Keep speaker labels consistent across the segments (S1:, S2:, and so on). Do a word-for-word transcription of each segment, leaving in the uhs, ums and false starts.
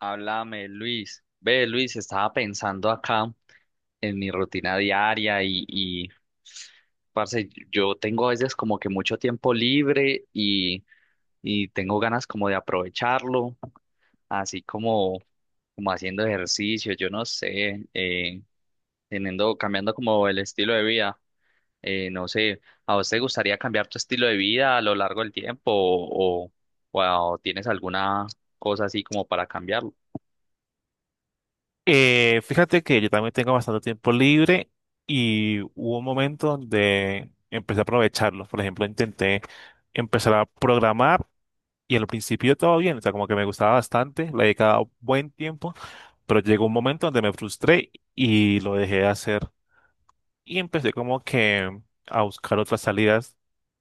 S1: Háblame, Luis. Ve, Luis, estaba pensando acá en mi rutina diaria y, y parce, yo tengo a veces como que mucho tiempo libre y, y tengo ganas como de aprovecharlo, así como, como haciendo ejercicio, yo no sé, eh, teniendo, cambiando como el estilo de vida. Eh, no sé, ¿a vos te gustaría cambiar tu estilo de vida a lo largo del tiempo o, o o tienes alguna cosa así como para cambiarlo?
S2: Eh, fíjate que yo también tengo bastante tiempo libre y hubo un momento donde empecé a aprovecharlo. Por ejemplo, intenté empezar a programar y al principio todo bien, o sea, como que me gustaba bastante, le dedicaba buen tiempo, pero llegó un momento donde me frustré y lo dejé de hacer y empecé como que a buscar otras salidas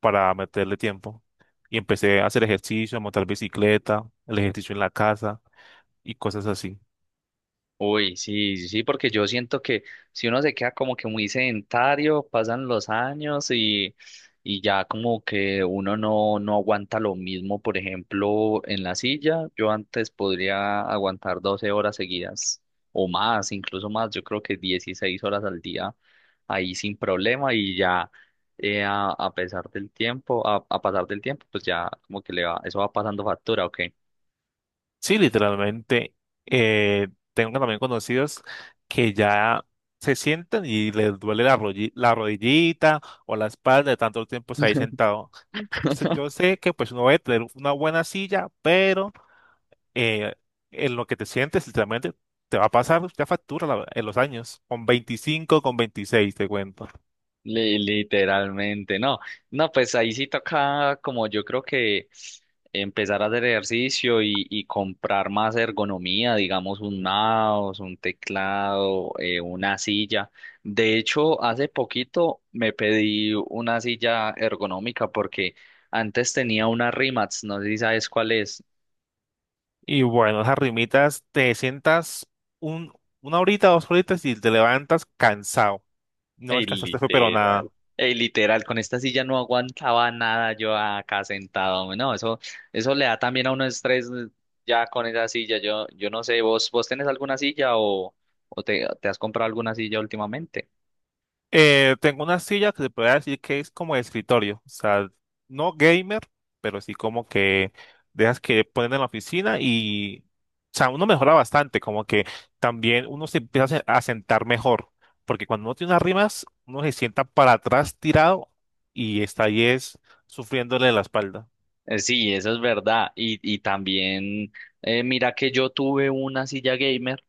S2: para meterle tiempo. Y empecé a hacer ejercicio, a montar bicicleta, el ejercicio en la casa y cosas así.
S1: Uy, sí, sí, sí, porque yo siento que si uno se queda como que muy sedentario, pasan los años y, y ya como que uno no, no aguanta lo mismo, por ejemplo, en la silla, yo antes podría aguantar doce horas seguidas o más, incluso más, yo creo que dieciséis horas al día ahí sin problema y ya eh, a, a pesar del tiempo, a, a pasar del tiempo, pues ya como que le va, eso va pasando factura, ¿ok?
S2: Sí, literalmente. eh, Tengo también conocidos que ya se sientan y les duele la, rolli- la rodillita o la espalda de tanto tiempo estar ahí sentado. Se- Yo sé que pues uno debe tener una buena silla, pero eh, en lo que te sientes literalmente te va a pasar ya factura la- en los años, con veinticinco, con veintiséis te cuento.
S1: Li- Literalmente, no, no, pues ahí sí toca como yo creo que empezar a hacer ejercicio y, y comprar más ergonomía, digamos un mouse, un teclado, eh, una silla. De hecho, hace poquito me pedí una silla ergonómica porque antes tenía una Rimax, no sé si sabes cuál es.
S2: Y bueno, esas rimitas te sientas un, una horita, dos horitas y te levantas cansado. No
S1: Ey,
S2: descansaste, fue pero
S1: literal.
S2: nada.
S1: Ey, literal, con esta silla no aguantaba nada yo acá sentado, hombre. No, eso, eso le da también a uno estrés eh, ya con esa silla. Yo, yo no sé, ¿vos, vos tenés alguna silla o, o te, te has comprado alguna silla últimamente?
S2: Eh, tengo una silla que se puede decir que es como de escritorio, o sea, no gamer, pero sí como que dejas que ponen en la oficina y, o sea, uno mejora bastante, como que también uno se empieza a se- a sentar mejor, porque cuando uno tiene unas rimas, uno se sienta para atrás tirado y está ahí es sufriéndole la espalda,
S1: Eh, Sí, eso es verdad. Y, y también, eh, mira que yo tuve una silla gamer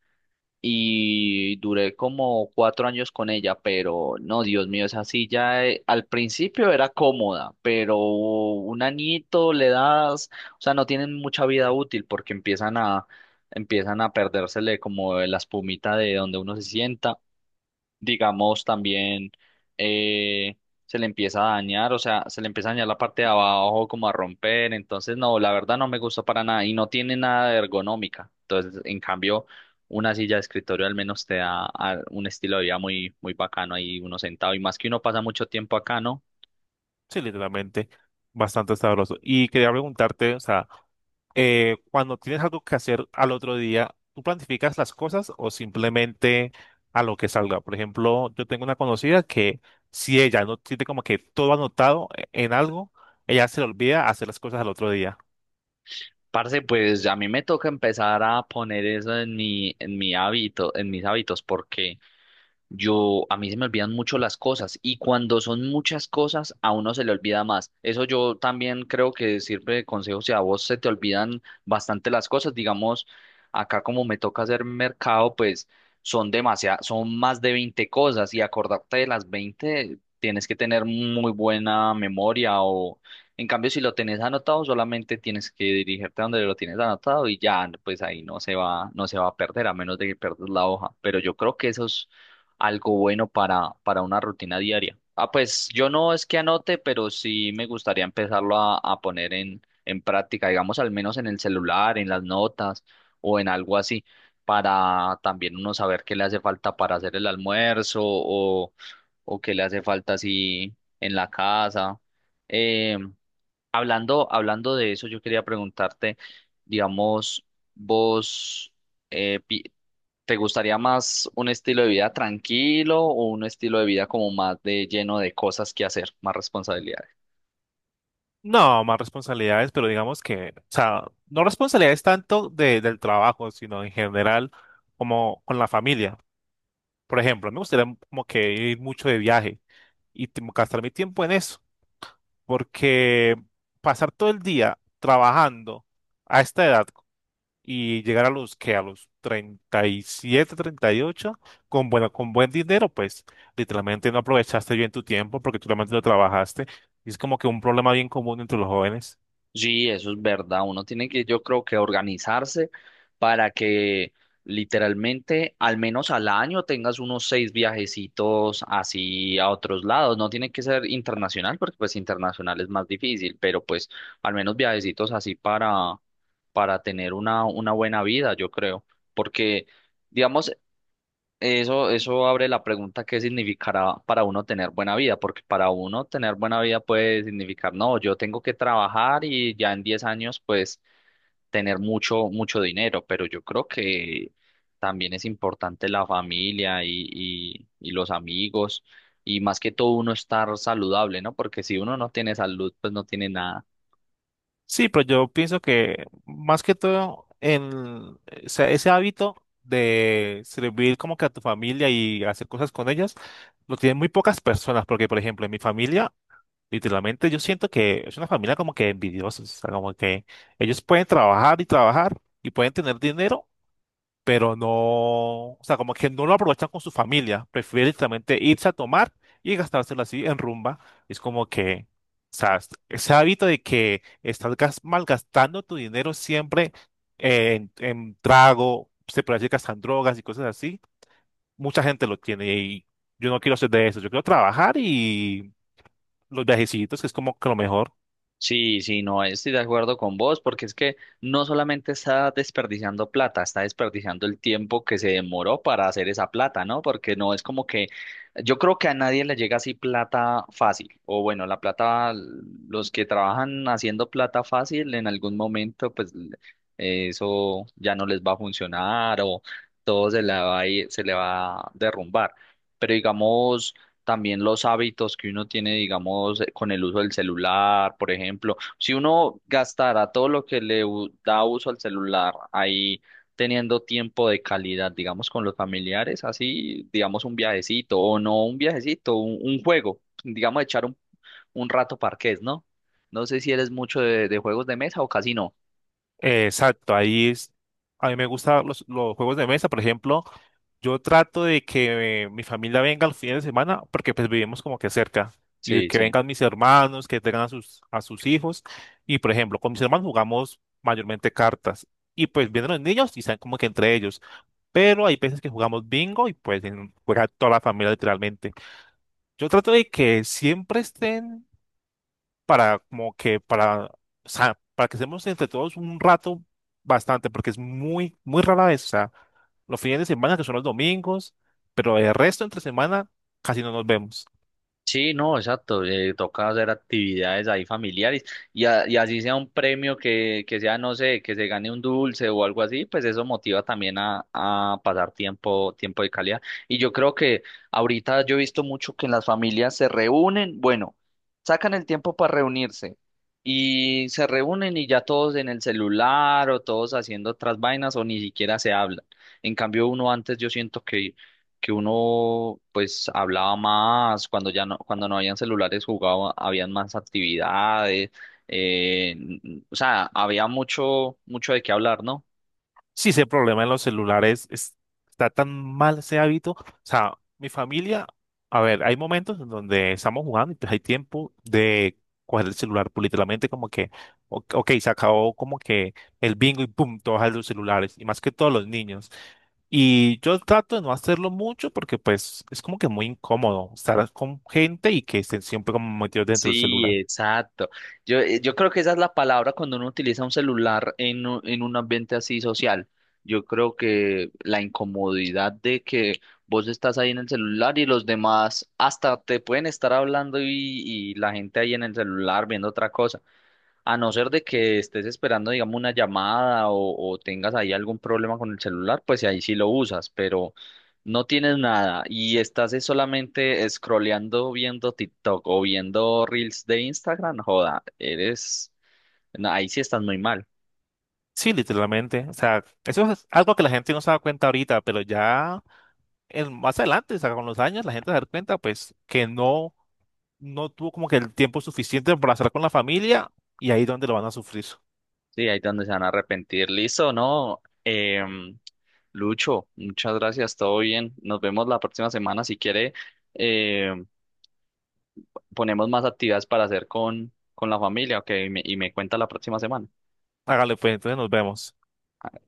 S1: y duré como cuatro años con ella, pero no, Dios mío, esa silla eh, al principio era cómoda, pero un añito le das, o sea, no tienen mucha vida útil porque empiezan a, empiezan a perdérsele como la espumita de donde uno se sienta digamos, también eh, se le empieza a dañar, o sea, se le empieza a dañar la parte de abajo como a romper, entonces no, la verdad no me gusta para nada y no tiene nada de ergonómica, entonces en cambio una silla de escritorio al menos te da a- un estilo de vida muy, muy bacano ahí uno sentado y más que uno pasa mucho tiempo acá, ¿no?
S2: sí, literalmente, bastante sabroso. Y quería preguntarte, o sea, eh, cuando tienes algo que hacer al otro día, ¿tú planificas las cosas o simplemente a lo que salga? Por ejemplo, yo tengo una conocida que si ella no tiene como que todo anotado e- en algo, ella se le olvida hacer las cosas al otro día.
S1: Parce, pues a mí me toca empezar a poner eso en mi, en mi hábito, en mis hábitos, porque Yo, a mí se me olvidan mucho las cosas y cuando son muchas cosas, a uno se le olvida más. Eso yo también creo que sirve de consejo si a vos se te olvidan bastante las cosas. Digamos, acá como me toca hacer mercado, pues son demasiadas, son más de veinte cosas y acordarte de las veinte tienes que tener muy buena memoria o en cambio si lo tenés anotado solamente tienes que dirigirte a donde lo tienes anotado y ya, pues ahí no se va, no se va a perder a menos de que pierdas la hoja. Pero yo creo que esos algo bueno para, para una rutina diaria. Ah, pues yo no es que anote, pero sí me gustaría empezarlo a, a poner en, en práctica, digamos, al menos en el celular, en las notas o en algo así, para también uno saber qué le hace falta para hacer el almuerzo o, o qué le hace falta así en la casa. Em, Hablando, hablando de eso, yo quería preguntarte, digamos, vos, eh, pi- ¿te gustaría más un estilo de vida tranquilo o un estilo de vida como más de lleno de cosas que hacer, más responsabilidades?
S2: No, más responsabilidades, pero digamos que, o sea, no responsabilidades tanto de, del trabajo, sino en general como con la familia. Por ejemplo, me gustaría como que ir mucho de viaje y tipo, gastar mi tiempo en eso porque pasar todo el día trabajando a esta edad y llegar a los que a los treinta y siete, treinta y ocho con bueno, con buen dinero, pues literalmente no aprovechaste bien tu tiempo porque tú realmente no trabajaste. Y es como que un problema bien común entre los jóvenes.
S1: Sí, eso es verdad. Uno tiene que, yo creo que organizarse para que literalmente al menos al año tengas unos seis viajecitos así a otros lados. No tiene que ser internacional porque pues internacional es más difícil, pero pues al menos viajecitos así para, para tener una, una buena vida, yo creo. Porque, digamos, eso, eso abre la pregunta qué significará para uno tener buena vida, porque para uno tener buena vida puede significar, no, yo tengo que trabajar y ya en diez años pues tener mucho, mucho dinero, pero yo creo que también es importante la familia y, y, y los amigos y más que todo uno estar saludable, ¿no? Porque si uno no tiene salud, pues no tiene nada.
S2: Sí, pero yo pienso que más que todo en ese, ese hábito de servir como que a tu familia y hacer cosas con ellas, lo tienen muy pocas personas, porque por ejemplo en mi familia literalmente yo siento que es una familia como que envidiosa, o sea, como que ellos pueden trabajar y trabajar y pueden tener dinero, pero no, o sea, como que no lo aprovechan con su familia, prefieren literalmente irse a tomar y gastárselo así en rumba. Es como que, o sea, es- ese hábito de que estás gas- malgastando tu dinero siempre en, en trago, se puede decir que hasta en drogas y cosas así, mucha gente lo tiene y yo no quiero ser de eso, yo quiero trabajar y los viajecitos, que es como que lo mejor.
S1: Sí, sí, no estoy de acuerdo con vos, porque es que no solamente está desperdiciando plata, está desperdiciando el tiempo que se demoró para hacer esa plata, ¿no? Porque no es como que yo creo que a nadie le llega así plata fácil, o bueno, la plata, los que trabajan haciendo plata fácil en algún momento, pues l- eso ya no les va a funcionar o todo se le va a ir- se le va a derrumbar. Pero digamos también los hábitos que uno tiene, digamos, eh, con el uso del celular, por ejemplo. Si uno gastara todo lo que le u- da uso al celular ahí teniendo tiempo de calidad, digamos, con los familiares, así, digamos, un viajecito o no un viajecito, un, un juego, digamos, echar un, un rato parqués, ¿no? No sé si eres mucho de, de juegos de mesa o casi no.
S2: Eh, Exacto, ahí es. A mí me gustan los, los juegos de mesa, por ejemplo. Yo trato de que eh, mi familia venga al fin de semana porque pues vivimos como que cerca y
S1: Sí,
S2: que
S1: sí.
S2: vengan mis hermanos, que tengan a sus, a sus hijos. Y por ejemplo, con mis hermanos jugamos mayormente cartas y pues vienen los niños y están como que entre ellos. Pero hay veces que jugamos bingo y pues en- juega toda la familia literalmente. Yo trato de que siempre estén para como que para, o sea, para que estemos entre todos un rato bastante, porque es muy, muy rara vez, o sea, los fines de semana que son los domingos, pero el resto entre semana casi no nos vemos.
S1: Sí, no, exacto. Eh, toca hacer actividades ahí familiares y, a- y así sea un premio que, que sea, no sé, que se gane un dulce o algo así, pues eso motiva también a, a pasar tiempo, tiempo de calidad. Y yo creo que ahorita yo he visto mucho que las familias se reúnen, bueno, sacan el tiempo para reunirse y se reúnen y ya todos en el celular o todos haciendo otras vainas o ni siquiera se hablan. En cambio, uno antes yo siento que que uno pues hablaba más, cuando ya no, cuando no habían celulares jugaba, habían más actividades, eh, n- n- o sea, había mucho, mucho de qué hablar, ¿no?
S2: Sí, ese problema en los celulares es- está tan mal ese hábito. O sea, mi familia, a ver, hay momentos en donde estamos jugando y pues hay tiempo de coger el celular, pues literalmente como que, o- ok, se acabó como que el bingo y pum, todos a los celulares, y más que todos los niños. Y yo trato de no hacerlo mucho porque pues es como que muy incómodo estar con gente y que estén siempre como metidos dentro del
S1: Sí,
S2: celular.
S1: exacto. Yo, eh, yo creo que esa es la palabra cuando uno utiliza un celular en, u- en un ambiente así social. Yo creo que la incomodidad de que vos estás ahí en el celular y los demás hasta te pueden estar hablando y, y la gente ahí en el celular viendo otra cosa. A no ser de que estés esperando, digamos, una llamada o, o tengas ahí algún problema con el celular, pues ahí sí lo usas, pero no tienes nada y estás es solamente scrolleando viendo TikTok o viendo Reels de Instagram, joda, eres, no, ahí sí estás muy mal.
S2: Sí, literalmente. O sea, eso es algo que la gente no se da cuenta ahorita, pero ya el- más adelante, o sea, con los años, la gente se da cuenta, pues, que no, no tuvo como que el tiempo suficiente para estar con la familia y ahí es donde lo van a sufrir.
S1: Sí, ahí es donde se van a arrepentir. Listo, ¿no? Em, Lucho, muchas gracias, todo bien. Nos vemos la próxima semana. Si quiere, em, ponemos más actividades para hacer con, con la familia, ok, y me, y me cuenta la próxima semana.
S2: Hágale, pues, entonces nos vemos.